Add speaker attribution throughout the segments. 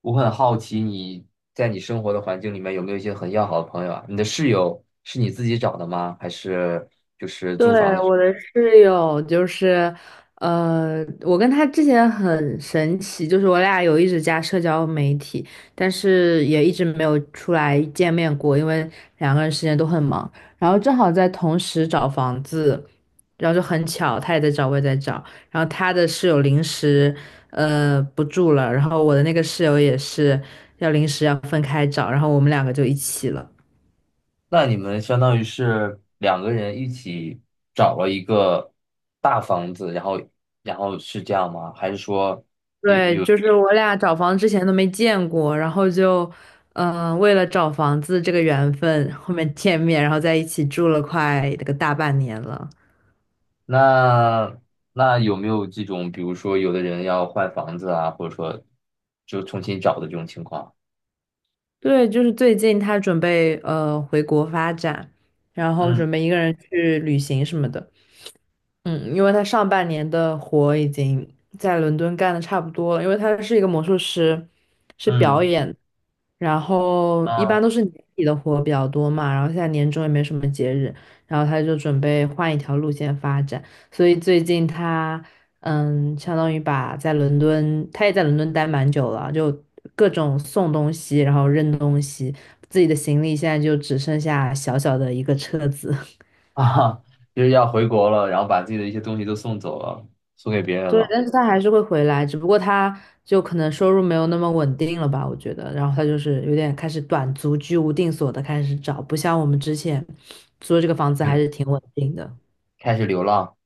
Speaker 1: 我很好奇你在你生活的环境里面有没有一些很要好的朋友啊？你的室友是你自己找的吗？还是就是
Speaker 2: 对，
Speaker 1: 租房的时
Speaker 2: 我
Speaker 1: 候。
Speaker 2: 的室友就是，我跟他之前很神奇，就是我俩有一直加社交媒体，但是也一直没有出来见面过，因为两个人时间都很忙。然后正好在同时找房子，然后就很巧，他也在找，我也在找。然后他的室友临时，不住了，然后我的那个室友也是要临时要分开找，然后我们两个就一起了。
Speaker 1: 那你们相当于是两个人一起找了一个大房子，然后是这样吗？还是说
Speaker 2: 对，就是我俩找房之前都没见过，然后就，为了找房子这个缘分，后面见面，然后在一起住了快那个大半年了。
Speaker 1: 那那有没有这种，比如说有的人要换房子啊，或者说就重新找的这种情况？
Speaker 2: 对，就是最近他准备回国发展，然后
Speaker 1: 嗯
Speaker 2: 准备一个人去旅行什么的。嗯，因为他上半年的活已经在伦敦干的差不多了，因为他是一个魔术师，是表
Speaker 1: 嗯。
Speaker 2: 演，然后一般
Speaker 1: 啊。
Speaker 2: 都是年底的活比较多嘛，然后现在年终也没什么节日，然后他就准备换一条路线发展，所以最近他相当于把在伦敦，他也在伦敦待蛮久了，就各种送东西，然后扔东西，自己的行李现在就只剩下小小的一个车子。
Speaker 1: 啊，就是要回国了，然后把自己的一些东西都送走了，送给别人
Speaker 2: 对，
Speaker 1: 了。
Speaker 2: 但是他还是会回来，只不过他就可能收入没有那么稳定了吧，我觉得。然后他就是有点开始短租居无定所的开始找，不像我们之前租的这个房子还
Speaker 1: 嗯，
Speaker 2: 是挺稳定的。
Speaker 1: 开始流浪。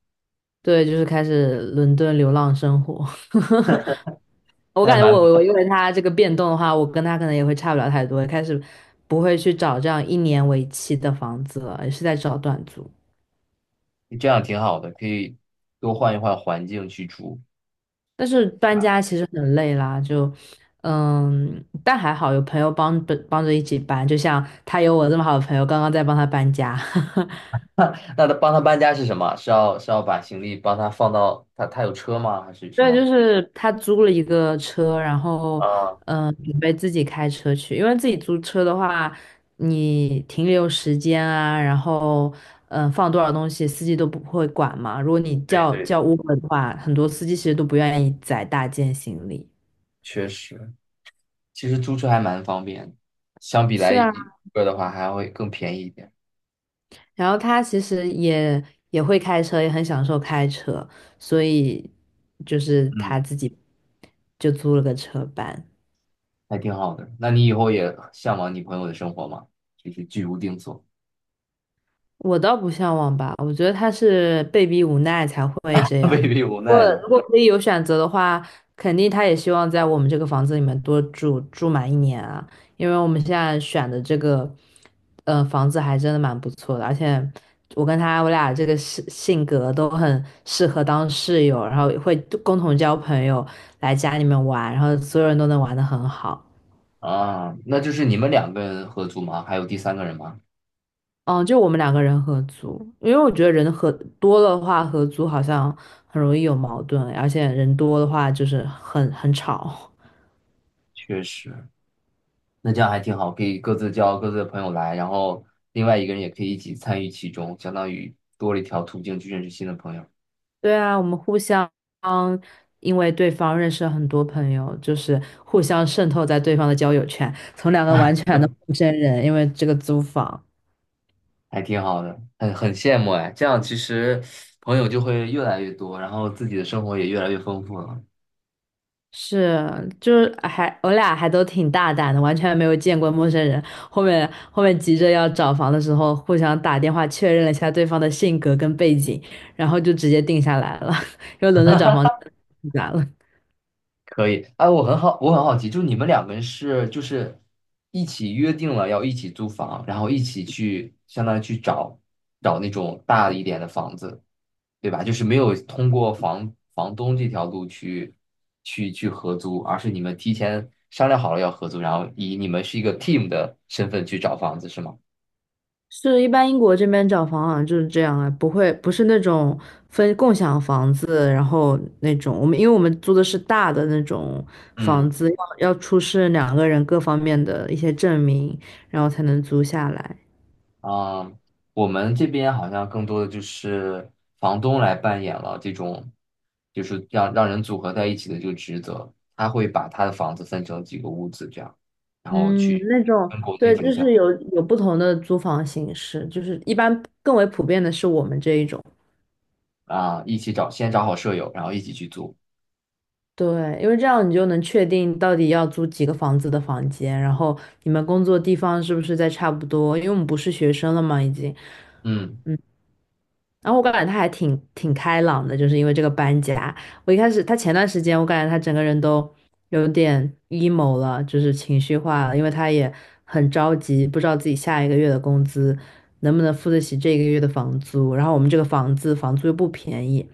Speaker 2: 对，就是开始伦敦流浪生活。我
Speaker 1: 那还
Speaker 2: 感觉
Speaker 1: 蛮不
Speaker 2: 我因
Speaker 1: 错
Speaker 2: 为他这个变动的话，我跟他可能也会差不了太多，开始不会去找这样一年为期的房子了，也是在找短租。
Speaker 1: 的，这样挺好的，可以多换一换环境去住，
Speaker 2: 但是
Speaker 1: 对
Speaker 2: 搬
Speaker 1: 吧？
Speaker 2: 家其实很累啦，就但还好有朋友帮着帮着一起搬，就像他有我这么好的朋友，刚刚在帮他搬家。
Speaker 1: 那他帮他搬家是什么？是要把行李帮他放到他。他有车吗？还是什
Speaker 2: 对，就
Speaker 1: 么？
Speaker 2: 是他租了一个车，然后
Speaker 1: 啊，
Speaker 2: 准备自己开车去，因为自己租车的话，你停留时间啊，然后放多少东西，司机都不会管嘛。如果你
Speaker 1: 对
Speaker 2: 叫
Speaker 1: 对，
Speaker 2: 叫 Uber 的话，很多司机其实都不愿意载大件行李。
Speaker 1: 确实。其实租车还蛮方便的，相比来
Speaker 2: 是啊。
Speaker 1: 一个的话还会更便宜一点。
Speaker 2: 然后他其实也也会开车，也很享受开车，所以就是他
Speaker 1: 嗯，
Speaker 2: 自己就租了个车班。
Speaker 1: 还挺好的。那你以后也向往你朋友的生活吗？就是居无定所。
Speaker 2: 我倒不向往吧，我觉得他是被逼无奈才会这 样。
Speaker 1: 被逼无
Speaker 2: 如果
Speaker 1: 奈的。
Speaker 2: 如果可以有选择的话，肯定他也希望在我们这个房子里面多住满一年啊，因为我们现在选的这个，房子还真的蛮不错的，而且我跟他我俩这个性格都很适合当室友，然后会共同交朋友，来家里面玩，然后所有人都能玩得很好。
Speaker 1: 啊，那就是你们两个人合租吗？还有第三个人吗？
Speaker 2: 嗯，就我们两个人合租，因为我觉得人合多的话，合租好像很容易有矛盾，而且人多的话就是很吵。
Speaker 1: 确实。那这样还挺好，可以各自叫各自的朋友来，然后另外一个人也可以一起参与其中，相当于多了一条途径去认识新的朋友。
Speaker 2: 对啊，我们互相因为对方认识了很多朋友，就是互相渗透在对方的交友圈，从两个完全的陌生人，因为这个租房，
Speaker 1: 还挺好的，很羡慕哎。这样其实朋友就会越来越多，然后自己的生活也越来越丰富了。
Speaker 2: 是，就是还我俩还都挺大胆的，完全没有见过陌生人。后面急着要找房的时候，互相打电话确认了一下对方的性格跟背景，然后就直接定下来了。因为伦敦找房真的太复杂了。
Speaker 1: 可以，哎，我很好奇，就是你们两个人就是一起约定了要一起租房，然后一起去相当于去找那种大一点的房子，对吧？就是没有通过房东这条路去合租，而是你们提前商量好了要合租，然后以你们是一个 team 的身份去找房子，是吗？
Speaker 2: 是，一般英国这边找房好像就是这样啊，不是那种分共享房子，然后那种我们因为我们租的是大的那种房
Speaker 1: 嗯。
Speaker 2: 子，要出示两个人各方面的一些证明，然后才能租下来。
Speaker 1: 嗯，我们这边好像更多的就是房东来扮演了这种，就是让人组合在一起的这个职责。他会把他的房子分成几个屋子这样，然后
Speaker 2: 嗯，那种
Speaker 1: 跟国内
Speaker 2: 对，
Speaker 1: 挺
Speaker 2: 就
Speaker 1: 像。
Speaker 2: 是有不同的租房形式，就是一般更为普遍的是我们这一种。
Speaker 1: 啊，一起找，先找好舍友，然后一起去租。
Speaker 2: 对，因为这样你就能确定到底要租几个房子的房间，然后你们工作地方是不是在差不多，因为我们不是学生了嘛，已经，
Speaker 1: 嗯
Speaker 2: 然后我感觉他还挺开朗的，就是因为这个搬家。我一开始他前段时间，我感觉他整个人都有点 emo 了，就是情绪化了，因为他也很着急，不知道自己下一个月的工资能不能付得起这个月的房租。然后我们这个房子房租又不便宜，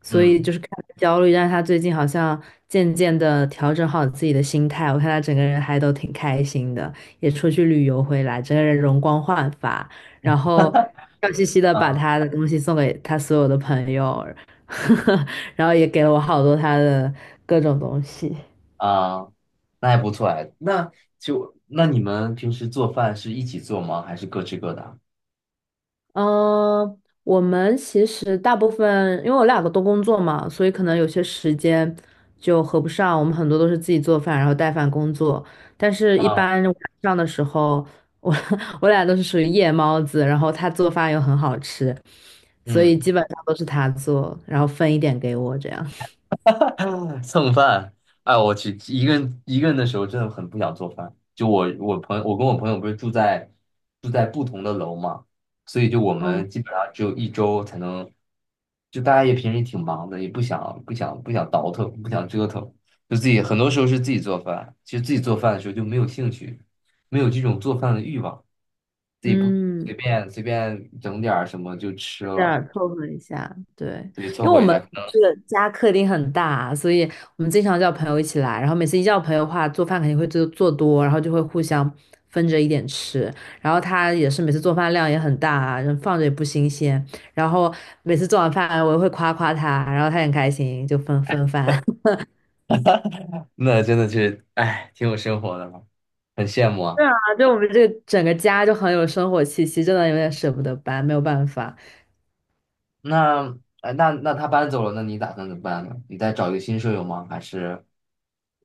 Speaker 2: 所以就
Speaker 1: 嗯
Speaker 2: 是看他焦虑。但是他最近好像渐渐的调整好自己的心态，我看他整个人还都挺开心的，也出去旅游回来，整个人容光焕发。然后笑嘻嘻的把
Speaker 1: 啊
Speaker 2: 他的东西送给他所有的朋友，然后也给了我好多他的各种东西。
Speaker 1: 啊。那还不错哎。那你们平时做饭是一起做吗？还是各吃各的啊？
Speaker 2: 嗯，我们其实大部分，因为我两个都工作嘛，所以可能有些时间就合不上。我们很多都是自己做饭，然后带饭工作。但是，一
Speaker 1: 啊
Speaker 2: 般晚上的时候，我 我俩都是属于夜猫子，然后他做饭又很好吃，所以基
Speaker 1: 嗯。
Speaker 2: 本上都是他做，然后分一点给我这样。
Speaker 1: 蹭饭。哎，我去，一个人的时候真的很不想做饭。就我朋友，我跟我朋友不是住在不同的楼嘛，所以就我
Speaker 2: 嗯
Speaker 1: 们基本上只有一周才能。就大家也平时也挺忙的，也不想倒腾，不想折腾，就自己很多时候是自己做饭。其实自己做饭的时候就没有兴趣，没有这种做饭的欲望，自己不随
Speaker 2: 嗯。
Speaker 1: 便随便整点儿什么就吃
Speaker 2: 这
Speaker 1: 了，
Speaker 2: 样凑合一下，对，
Speaker 1: 自己凑
Speaker 2: 因为我
Speaker 1: 合一
Speaker 2: 们
Speaker 1: 下。
Speaker 2: 这个家客厅很大啊，所以我们经常叫朋友一起来，然后每次一叫朋友的话，做饭肯定会做多，然后就会互相分着一点吃，然后他也是每次做饭量也很大啊，人放着也不新鲜，然后每次做完饭我也会夸夸他，然后他很开心，就分分饭 啊，
Speaker 1: 那真的是，哎，挺有生活的了，很羡慕啊。
Speaker 2: 就我们这个整个家就很有生活气息，真的有点舍不得搬，没有办法。
Speaker 1: 那，哎，那他搬走了，那你打算怎么办呢？你再找一个新舍友吗？还是。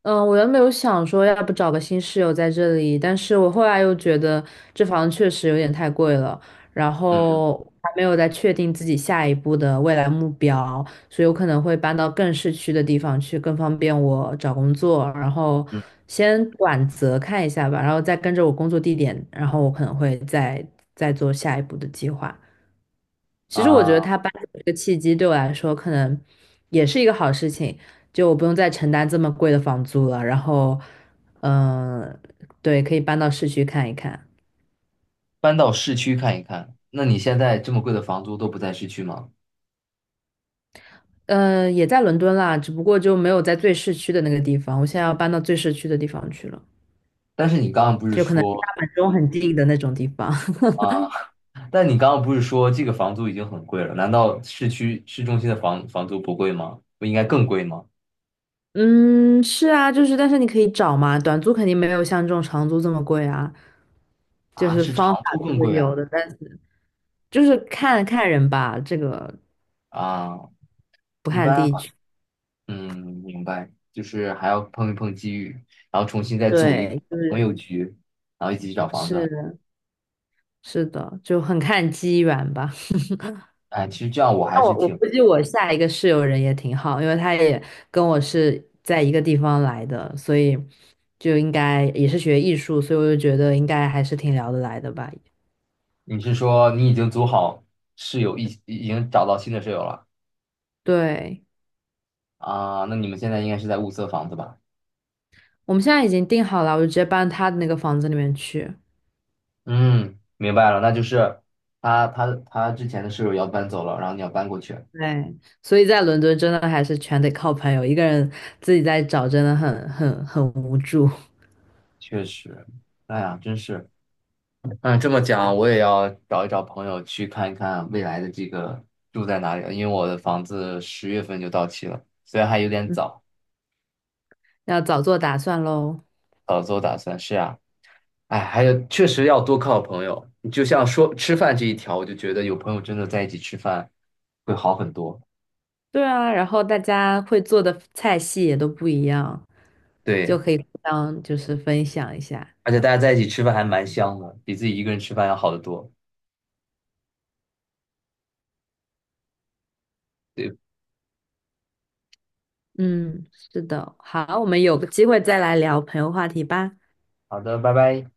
Speaker 2: 嗯，我原本有想说，要不找个新室友在这里，但是我后来又觉得这房确实有点太贵了，然
Speaker 1: 嗯
Speaker 2: 后还没有再确定自己下一步的未来目标，所以我可能会搬到更市区的地方去，更方便我找工作，然后
Speaker 1: 嗯
Speaker 2: 先短则看一下吧，然后再跟着我工作地点，然后我可能会再做下一步的计划。其实我觉得
Speaker 1: 啊，
Speaker 2: 他搬走这个契机对我来说，可能也是一个好事情，就我不用再承担这么贵的房租了。然后，嗯，对，可以搬到市区看一看。
Speaker 1: 搬到市区看一看？那你现在这么贵的房租都不在市区吗？
Speaker 2: 嗯，也在伦敦啦，只不过就没有在最市区的那个地方。我现在要搬到最市区的地方去了，
Speaker 1: 但是你刚刚不是
Speaker 2: 就可能离大
Speaker 1: 说。
Speaker 2: 本钟很近的那种地方。
Speaker 1: 啊。但你刚刚不是说这个房租已经很贵了？难道市区市中心的房租不贵吗？不应该更贵吗？
Speaker 2: 嗯，是啊，就是但是你可以找嘛，短租肯定没有像这种长租这么贵啊，就
Speaker 1: 啊，
Speaker 2: 是
Speaker 1: 是
Speaker 2: 方法
Speaker 1: 长租
Speaker 2: 都
Speaker 1: 更
Speaker 2: 是
Speaker 1: 贵
Speaker 2: 有
Speaker 1: 啊。
Speaker 2: 的，但是就是看看人吧，这个
Speaker 1: 啊，
Speaker 2: 不
Speaker 1: 一
Speaker 2: 看
Speaker 1: 般。
Speaker 2: 地区，
Speaker 1: 嗯，明白，就是还要碰一碰机遇，然后重新再组一个
Speaker 2: 对，就
Speaker 1: 朋
Speaker 2: 是
Speaker 1: 友局，然后一起去找房子。
Speaker 2: 是是的，就很看机缘吧。
Speaker 1: 哎，其实这样我还
Speaker 2: 那
Speaker 1: 是
Speaker 2: 我
Speaker 1: 挺……
Speaker 2: 估计我下一个室友人也挺好，因为他也跟我是在一个地方来的，所以就应该也是学艺术，所以我就觉得应该还是挺聊得来的吧。
Speaker 1: 你是说你已经组好室友，已经找到新的室友了
Speaker 2: 对，
Speaker 1: 啊？那你们现在应该是在物色房子吧？
Speaker 2: 我们现在已经定好了，我就直接搬他的那个房子里面去。
Speaker 1: 嗯，明白了，那就是他之前的室友要搬走了，然后你要搬过去。
Speaker 2: 对，所以在伦敦真的还是全得靠朋友，一个人自己在找真的很无助，
Speaker 1: 确实，哎呀，真是。嗯，这么讲，我也要找一找朋友去看一看未来的这个住在哪里了，因为我的房子10月份就到期了，虽然还有点
Speaker 2: 嗯，
Speaker 1: 早。
Speaker 2: 要早做打算喽。
Speaker 1: 早做打算。是啊，哎，还有确实要多靠朋友，你就像说吃饭这一条，我就觉得有朋友真的在一起吃饭会好很多。
Speaker 2: 对啊，然后大家会做的菜系也都不一样，就
Speaker 1: 对，
Speaker 2: 可以互相就是分享一下。
Speaker 1: 而且大家在一起吃饭还蛮香的，比自己一个人吃饭要好得多。对，
Speaker 2: 嗯，是的，好，我们有个机会再来聊朋友话题吧。
Speaker 1: 好的，拜拜。